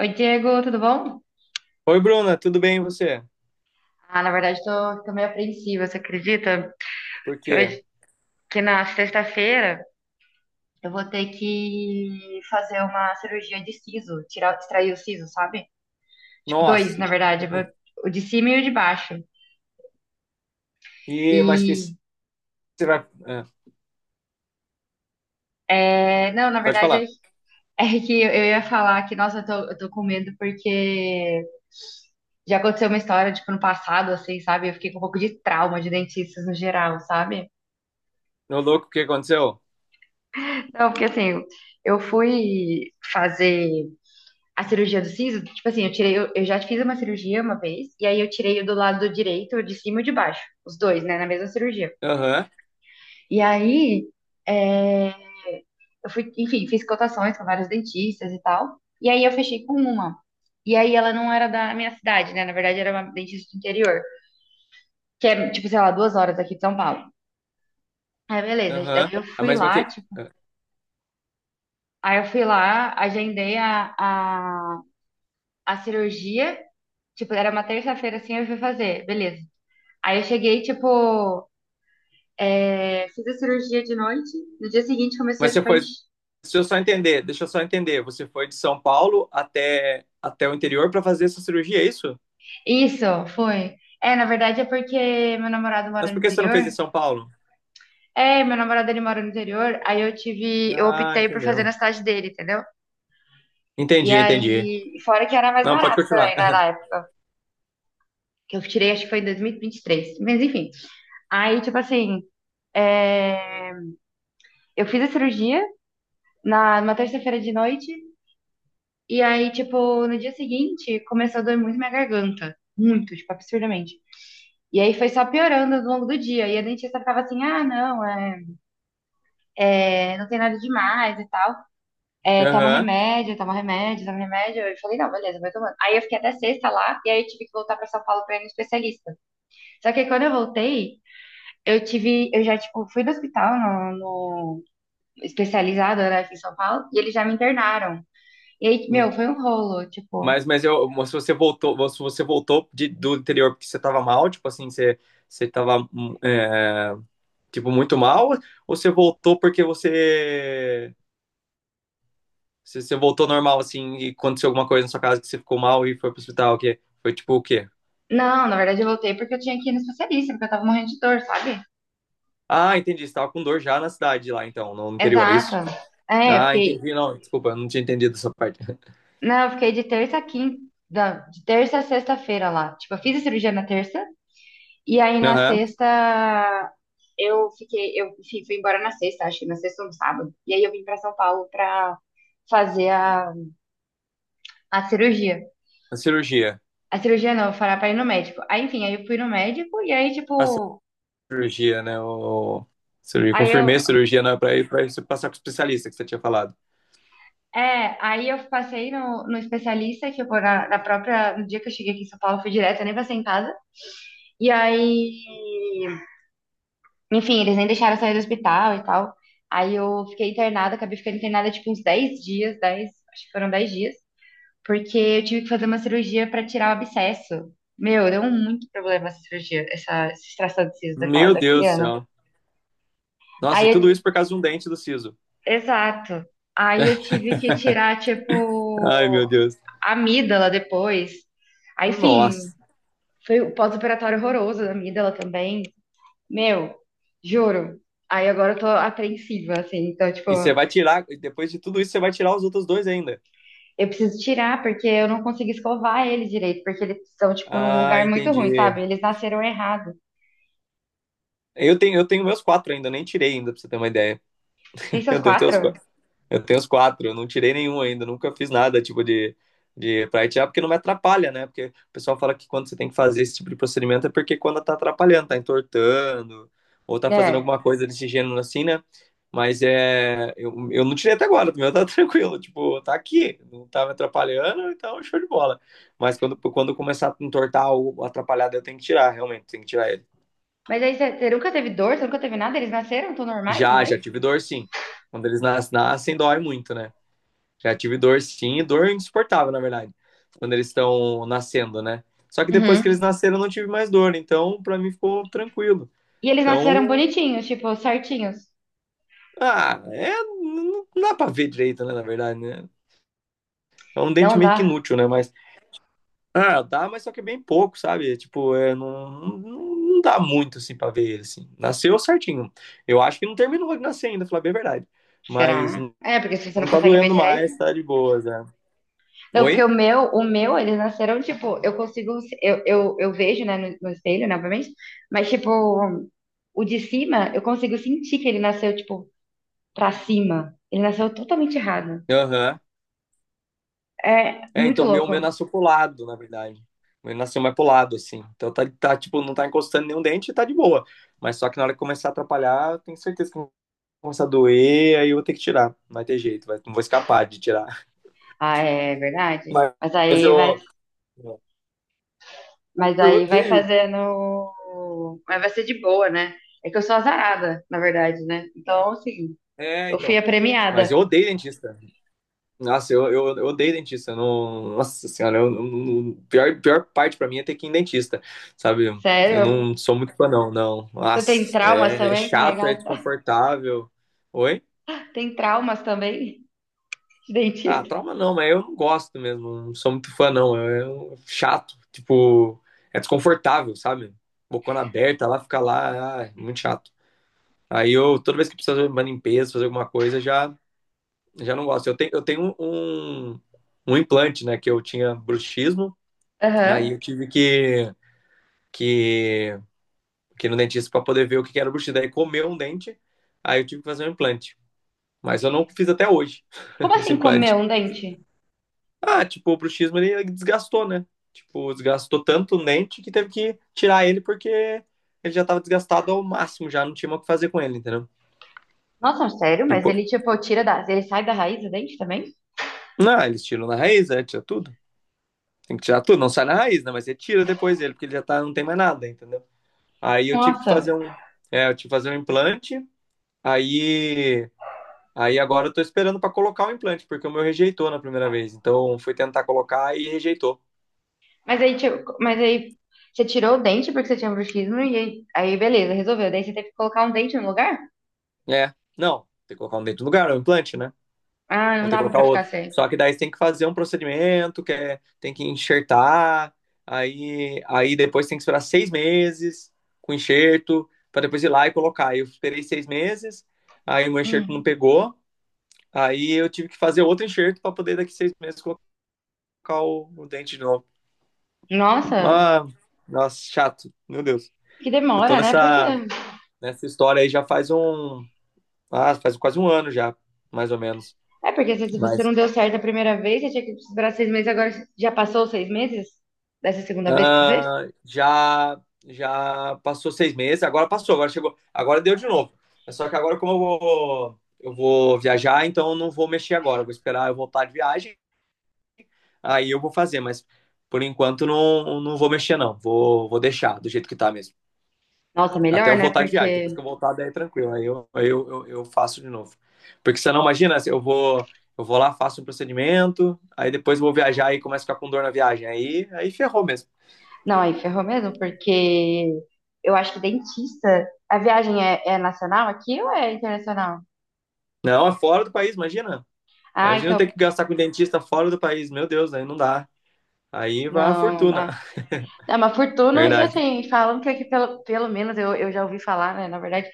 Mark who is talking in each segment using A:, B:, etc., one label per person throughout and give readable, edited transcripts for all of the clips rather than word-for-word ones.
A: Oi, Diego, tudo bom?
B: Oi, Bruna, tudo bem e você?
A: Ah, na verdade, tô meio apreensiva, você acredita?
B: Por
A: Que
B: quê?
A: hoje, que na sexta-feira, eu vou ter que fazer uma cirurgia de siso, tirar, extrair o siso, sabe? Tipo, dois,
B: Nossa.
A: na verdade, o de cima e o de baixo.
B: E mas que
A: E,
B: você vai, ah,
A: é, não, na
B: pode
A: verdade, é,
B: falar.
A: é que eu ia falar que, nossa, eu tô com medo porque já aconteceu uma história, tipo, no passado, assim, sabe? Eu fiquei com um pouco de trauma de dentistas no geral, sabe?
B: Meu louco, o que aconteceu?
A: Não, porque assim, eu fui fazer a cirurgia do siso, tipo assim, eu tirei, eu já fiz uma cirurgia uma vez, e aí eu tirei o do lado direito, o de cima e o de baixo, os dois, né, na mesma cirurgia.
B: Aham,
A: E aí, é, eu fui, enfim, fiz cotações com vários dentistas e tal, e aí eu fechei com uma. E aí ela não era da minha cidade, né, na verdade era uma dentista do interior, que é, tipo, sei lá, 2 horas aqui de São Paulo. Aí, beleza,
B: aham. Ah, mas o que? Ah,
A: aí eu fui lá, agendei a cirurgia. Tipo, era uma terça-feira assim, eu fui fazer, beleza. Aí eu cheguei, tipo, é, fiz a cirurgia de noite, no dia seguinte começou,
B: Mas você
A: tipo, a
B: foi,
A: encher.
B: deixa eu só entender, deixa eu só entender. Você foi de São Paulo até o interior para fazer essa cirurgia, é isso?
A: Isso, foi. É, na verdade é porque meu namorado
B: Mas
A: mora no
B: por que você não
A: interior.
B: fez em São Paulo?
A: É, meu namorado ele mora no interior, aí eu tive, eu
B: Ah,
A: optei por fazer na
B: entendeu.
A: cidade dele, entendeu? E
B: Entendi, entendi.
A: aí, fora que era mais
B: Não, pode
A: barato
B: continuar.
A: também, né, na época, que eu tirei, acho que foi em dois mil e vinte e três. Mas enfim. Aí, tipo assim, é, eu fiz a cirurgia numa terça-feira de noite. E aí, tipo, no dia seguinte, começou a doer muito minha garganta. Muito, tipo, absurdamente. E aí foi só piorando ao longo do dia. E a dentista ficava assim, ah, não, não tem nada demais e tal. É, toma
B: Aham.
A: remédio, toma remédio, toma remédio. Eu falei, não, beleza, vou tomando. Aí eu fiquei até sexta lá, e aí eu tive que voltar pra São Paulo pra ir no especialista. Só que aí quando eu voltei, eu tive, eu já, tipo, fui no hospital, no, no especializado, né, aqui em São Paulo, e eles já me internaram. E aí, meu, foi um rolo, tipo.
B: Mas se você voltou do interior porque você tava mal, tipo assim, você tava, tipo, muito mal, ou você voltou porque você voltou normal, assim, e aconteceu alguma coisa na sua casa que você ficou mal e foi pro hospital, o quê? Foi tipo o quê?
A: Não, na verdade eu voltei porque eu tinha que ir no especialista, porque eu tava morrendo de dor, sabe?
B: Ah, entendi, você tava com dor já na cidade lá, então, no interior, é
A: Exato.
B: isso?
A: É, eu
B: Ah,
A: fiquei.
B: entendi, não, desculpa, eu não tinha entendido essa parte.
A: Não, eu fiquei de terça a quinta. Não, de terça a sexta-feira lá. Tipo, eu fiz a cirurgia na terça, e aí na
B: Aham,
A: sexta eu fiquei. Eu fui embora na sexta, acho que na sexta ou no sábado. E aí eu vim pra São Paulo pra fazer a cirurgia.
B: a cirurgia.
A: A cirurgia não, eu falar pra ir no médico. Aí, enfim, aí eu fui no médico, e aí,
B: A
A: tipo.
B: cirurgia, né? O... Cirurgia.
A: Aí
B: Confirmei
A: eu,
B: a cirurgia né, para você passar com o especialista que você tinha falado.
A: é, aí eu passei no especialista, que eu vou na própria. No dia que eu cheguei aqui em São Paulo, eu fui direto, eu nem passei em casa. E aí. Enfim, eles nem deixaram eu sair do hospital e tal. Aí eu fiquei internada, acabei ficando internada tipo uns 10 dias, 10, acho que foram 10 dias, porque eu tive que fazer uma cirurgia pra tirar o abscesso. Meu, deu muito problema essa cirurgia, essa extração de siso daquela,
B: Meu
A: daquele
B: Deus do
A: ano.
B: céu. Nossa, e
A: Aí
B: tudo
A: eu,
B: isso por causa de um dente do siso.
A: exato. Aí eu tive que tirar,
B: Ai, meu
A: tipo,
B: Deus.
A: amígdala depois. Aí, enfim,
B: Nossa.
A: foi o pós-operatório horroroso da amígdala também. Meu, juro. Aí agora eu tô apreensiva, assim. Então, tipo,
B: E você vai tirar, e depois de tudo isso, você vai tirar os outros dois ainda.
A: eu preciso tirar porque eu não consigo escovar ele direito, porque eles estão, tipo, num
B: Ah,
A: lugar muito ruim,
B: entendi.
A: sabe? Eles nasceram errado.
B: Eu tenho meus quatro ainda, eu nem tirei ainda, pra você ter uma ideia.
A: Você tem
B: Eu
A: seus
B: devo ter os
A: quatro?
B: quatro. Eu tenho os quatro, eu não tirei nenhum ainda, nunca fiz nada tipo de, pra itiar, porque não me atrapalha, né? Porque o pessoal fala que quando você tem que fazer esse tipo de procedimento é porque quando tá atrapalhando, tá entortando, ou tá fazendo
A: É.
B: alguma coisa desse gênero assim, né? Mas é, eu não tirei até agora, o meu tá tranquilo, tipo, tá aqui, não tá me atrapalhando, então show de bola. Mas quando começar a entortar ou atrapalhar, daí eu tenho que tirar, realmente, tenho que tirar ele.
A: Mas aí você, você nunca teve dor, você nunca teve nada? Eles nasceram, tão normais,
B: Já,
A: né?
B: já tive dor sim. Quando eles nascem, dói muito, né? Já tive dor sim, dor insuportável, na verdade, quando eles estão nascendo, né? Só que depois que
A: Uhum.
B: eles nasceram eu não tive mais dor, então pra mim ficou tranquilo.
A: E eles nasceram
B: Então,
A: bonitinhos, tipo, certinhos.
B: ah, é, não dá pra ver direito, né, na verdade, né? É um dente
A: Não
B: meio que
A: dá.
B: inútil, né? Mas, ah, dá, mas só que é bem pouco, sabe? É, tipo, é, não dá muito, assim, pra ver ele, assim. Nasceu certinho. Eu acho que não terminou de nascer ainda, pra falar bem a verdade. Mas
A: Será?
B: não,
A: É, porque se você não
B: não tá
A: consegue ver
B: doendo
A: direito.
B: mais, tá de boas, né?
A: Não, porque
B: Oi?
A: eles nasceram, tipo, eu consigo, eu vejo, né, no espelho, né, obviamente, mas, tipo, o de cima, eu consigo sentir que ele nasceu, tipo, pra cima. Ele nasceu totalmente errado.
B: Aham.
A: É
B: É,
A: muito
B: então o meu
A: louco.
B: nasceu pro lado, na verdade. O meu nasceu mais pro lado, assim. Então tá, tipo, não tá encostando nenhum dente e tá de boa. Mas só que na hora que começar a atrapalhar, eu tenho certeza que vai começar a doer, aí eu vou ter que tirar. Não vai ter jeito, não vou escapar de tirar.
A: Ah, é verdade.
B: Mas
A: Mas aí vai,
B: eu,
A: mas
B: eu
A: aí vai
B: odeio.
A: fazendo, mas vai ser de boa, né? É que eu sou azarada, na verdade, né? Então, assim,
B: É,
A: eu fui
B: então.
A: a
B: Mas
A: premiada.
B: eu odeio dentista. Nossa, eu odeio dentista. Eu Não, nossa senhora, eu não- pior, pior parte pra mim é ter que ir em dentista, sabe? Eu
A: Sério?
B: não sou muito fã, não, não.
A: Você tem
B: Nossa,
A: traumas
B: é
A: também,
B: chato, é
A: carregada?
B: desconfortável. Oi?
A: Tem traumas também de
B: Ah,
A: dentista?
B: trauma não, mas eu não gosto mesmo. Não sou muito fã, não. Chato, tipo, é desconfortável, sabe? Bocona aberta lá, fica lá, ah, é muito chato. Aí eu, toda vez que preciso fazer uma limpeza, fazer alguma coisa, já, já não gosto. Eu tenho um, um implante, né, que eu tinha bruxismo. Aí
A: Aham.
B: eu tive que, que ir no dentista para poder ver o que que era o buchido. Aí comeu um dente, aí eu tive que fazer um implante. Mas eu não fiz até hoje
A: Como
B: esse
A: assim comer
B: implante.
A: um dente?
B: Ah, tipo, o bruxismo ele desgastou, né? Tipo, desgastou tanto o dente que teve que tirar ele porque ele já tava desgastado ao máximo, já não tinha mais o que fazer com ele, entendeu?
A: Nossa, sério? Mas
B: Tipo,
A: ele, tipo, tira da... Ele sai da raiz do dente também?
B: não, eles tiram na raiz, né? Tira tudo. Tem que tirar tudo, não sai na raiz, né? Mas você tira depois ele, porque ele já tá, não tem mais nada, entendeu? Aí eu tive que fazer
A: Nossa.
B: um. É, eu tive que fazer um implante. Aí Aí agora eu tô esperando pra colocar o implante, porque o meu rejeitou na primeira vez. Então fui tentar colocar e rejeitou.
A: Mas aí você tirou o dente porque você tinha bruxismo e aí, beleza, resolveu. Daí você teve que colocar um dente no lugar?
B: É, não, tem que colocar um dentro do lugar, é um implante, né?
A: Ah,
B: Vou
A: não
B: ter que
A: dava
B: colocar
A: pra ficar
B: outro.
A: sem.
B: Só que daí você tem que fazer um procedimento, que é, tem que enxertar, aí depois tem que esperar 6 meses com enxerto, pra depois ir lá e colocar. Aí eu esperei 6 meses, aí o meu enxerto não
A: Hum.
B: pegou, aí eu tive que fazer outro enxerto pra poder daqui 6 meses colocar o dente de novo.
A: Nossa,
B: Ah, nossa, chato, meu Deus.
A: que
B: Eu tô
A: demora, né? Por quê?
B: nessa história aí já faz um. Ah, faz quase um ano já, mais ou menos.
A: É porque se você
B: Mas
A: não deu certo a primeira vez, você tinha que esperar 6 meses, agora já passou os 6 meses dessa segunda vez que você fez?
B: ah, já já passou 6 meses, agora passou, agora chegou, agora deu de novo. É só que agora, como eu vou viajar, então eu não vou mexer agora. Eu vou esperar eu voltar de viagem, aí eu vou fazer, mas por enquanto não, não vou mexer, não. Vou deixar do jeito que tá mesmo.
A: Nossa,
B: Até
A: melhor,
B: eu
A: né?
B: voltar de viagem. Depois
A: Porque.
B: que eu voltar, daí é tranquilo. Aí eu faço de novo. Porque você não imagina, assim, eu vou lá, faço um procedimento, aí depois vou viajar e começo a ficar com dor na viagem. Aí ferrou mesmo.
A: Não, aí ferrou mesmo, porque eu acho que dentista. A viagem é, é nacional aqui ou é internacional?
B: Não, é fora do país, imagina.
A: Ah,
B: Imagina ter
A: então.
B: que gastar com dentista fora do país. Meu Deus, aí não dá. Aí vai uma
A: Não,
B: fortuna.
A: dá, uma fortuna e
B: Verdade.
A: assim, falam que aqui, pelo menos, eu já ouvi falar, né? Na verdade,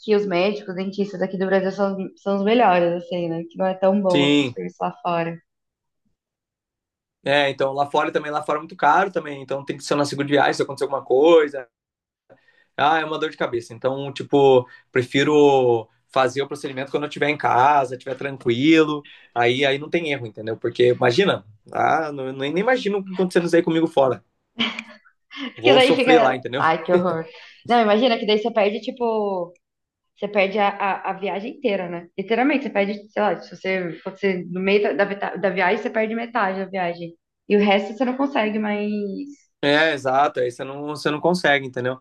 A: que os médicos, dentistas aqui do Brasil são os melhores, assim, né? Que não é tão bom assim, o
B: Sim.
A: serviço lá fora.
B: É, então lá fora também, lá fora é muito caro também. Então tem que ser na segunda viagem se acontecer alguma coisa. Ah, é uma dor de cabeça. Então, tipo, prefiro fazer o procedimento quando eu estiver em casa, estiver tranquilo. Aí não tem erro, entendeu? Porque imagina, ah, não, nem imagino acontecendo isso aí comigo fora.
A: Porque
B: Vou
A: daí
B: sofrer lá,
A: fica.
B: entendeu?
A: Ai, que horror. Não, imagina que daí você perde, tipo, você perde a viagem inteira, né? Literalmente, você perde, sei lá, se você, quando você no meio da, da viagem, você perde metade da viagem. E o resto você não consegue mais.
B: É, exato. Aí você não consegue, entendeu?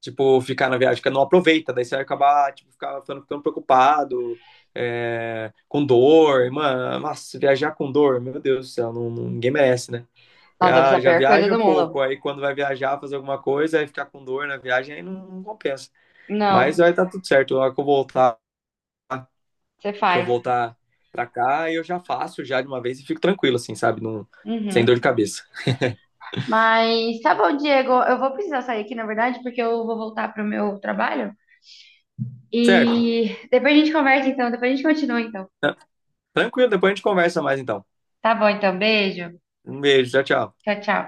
B: Tipo, ficar na viagem, que não aproveita. Daí você vai acabar, tipo, ficando preocupado, com dor. Mano, nossa, viajar com dor, meu Deus do céu, ninguém merece, né?
A: Nossa, deve ser a
B: Já, já
A: pior coisa
B: viaja
A: do mundo.
B: pouco, aí quando vai viajar, fazer alguma coisa, aí ficar com dor na viagem, aí não, não compensa. Mas
A: Não,
B: vai estar tudo certo. Na hora que eu voltar,
A: você
B: que eu
A: faz.
B: voltar pra cá, eu já faço já de uma vez e fico tranquilo, assim, sabe? Não, sem dor de
A: Uhum.
B: cabeça.
A: Mas tá bom, Diego. Eu vou precisar sair aqui, na verdade, porque eu vou voltar pro meu trabalho. E
B: Certo?
A: depois a gente conversa, então. Depois a gente continua, então.
B: Tá- Tranquilo, depois a gente conversa mais então.
A: Tá bom, então. Beijo.
B: Um beijo, tchau, tchau.
A: Tchau, tchau.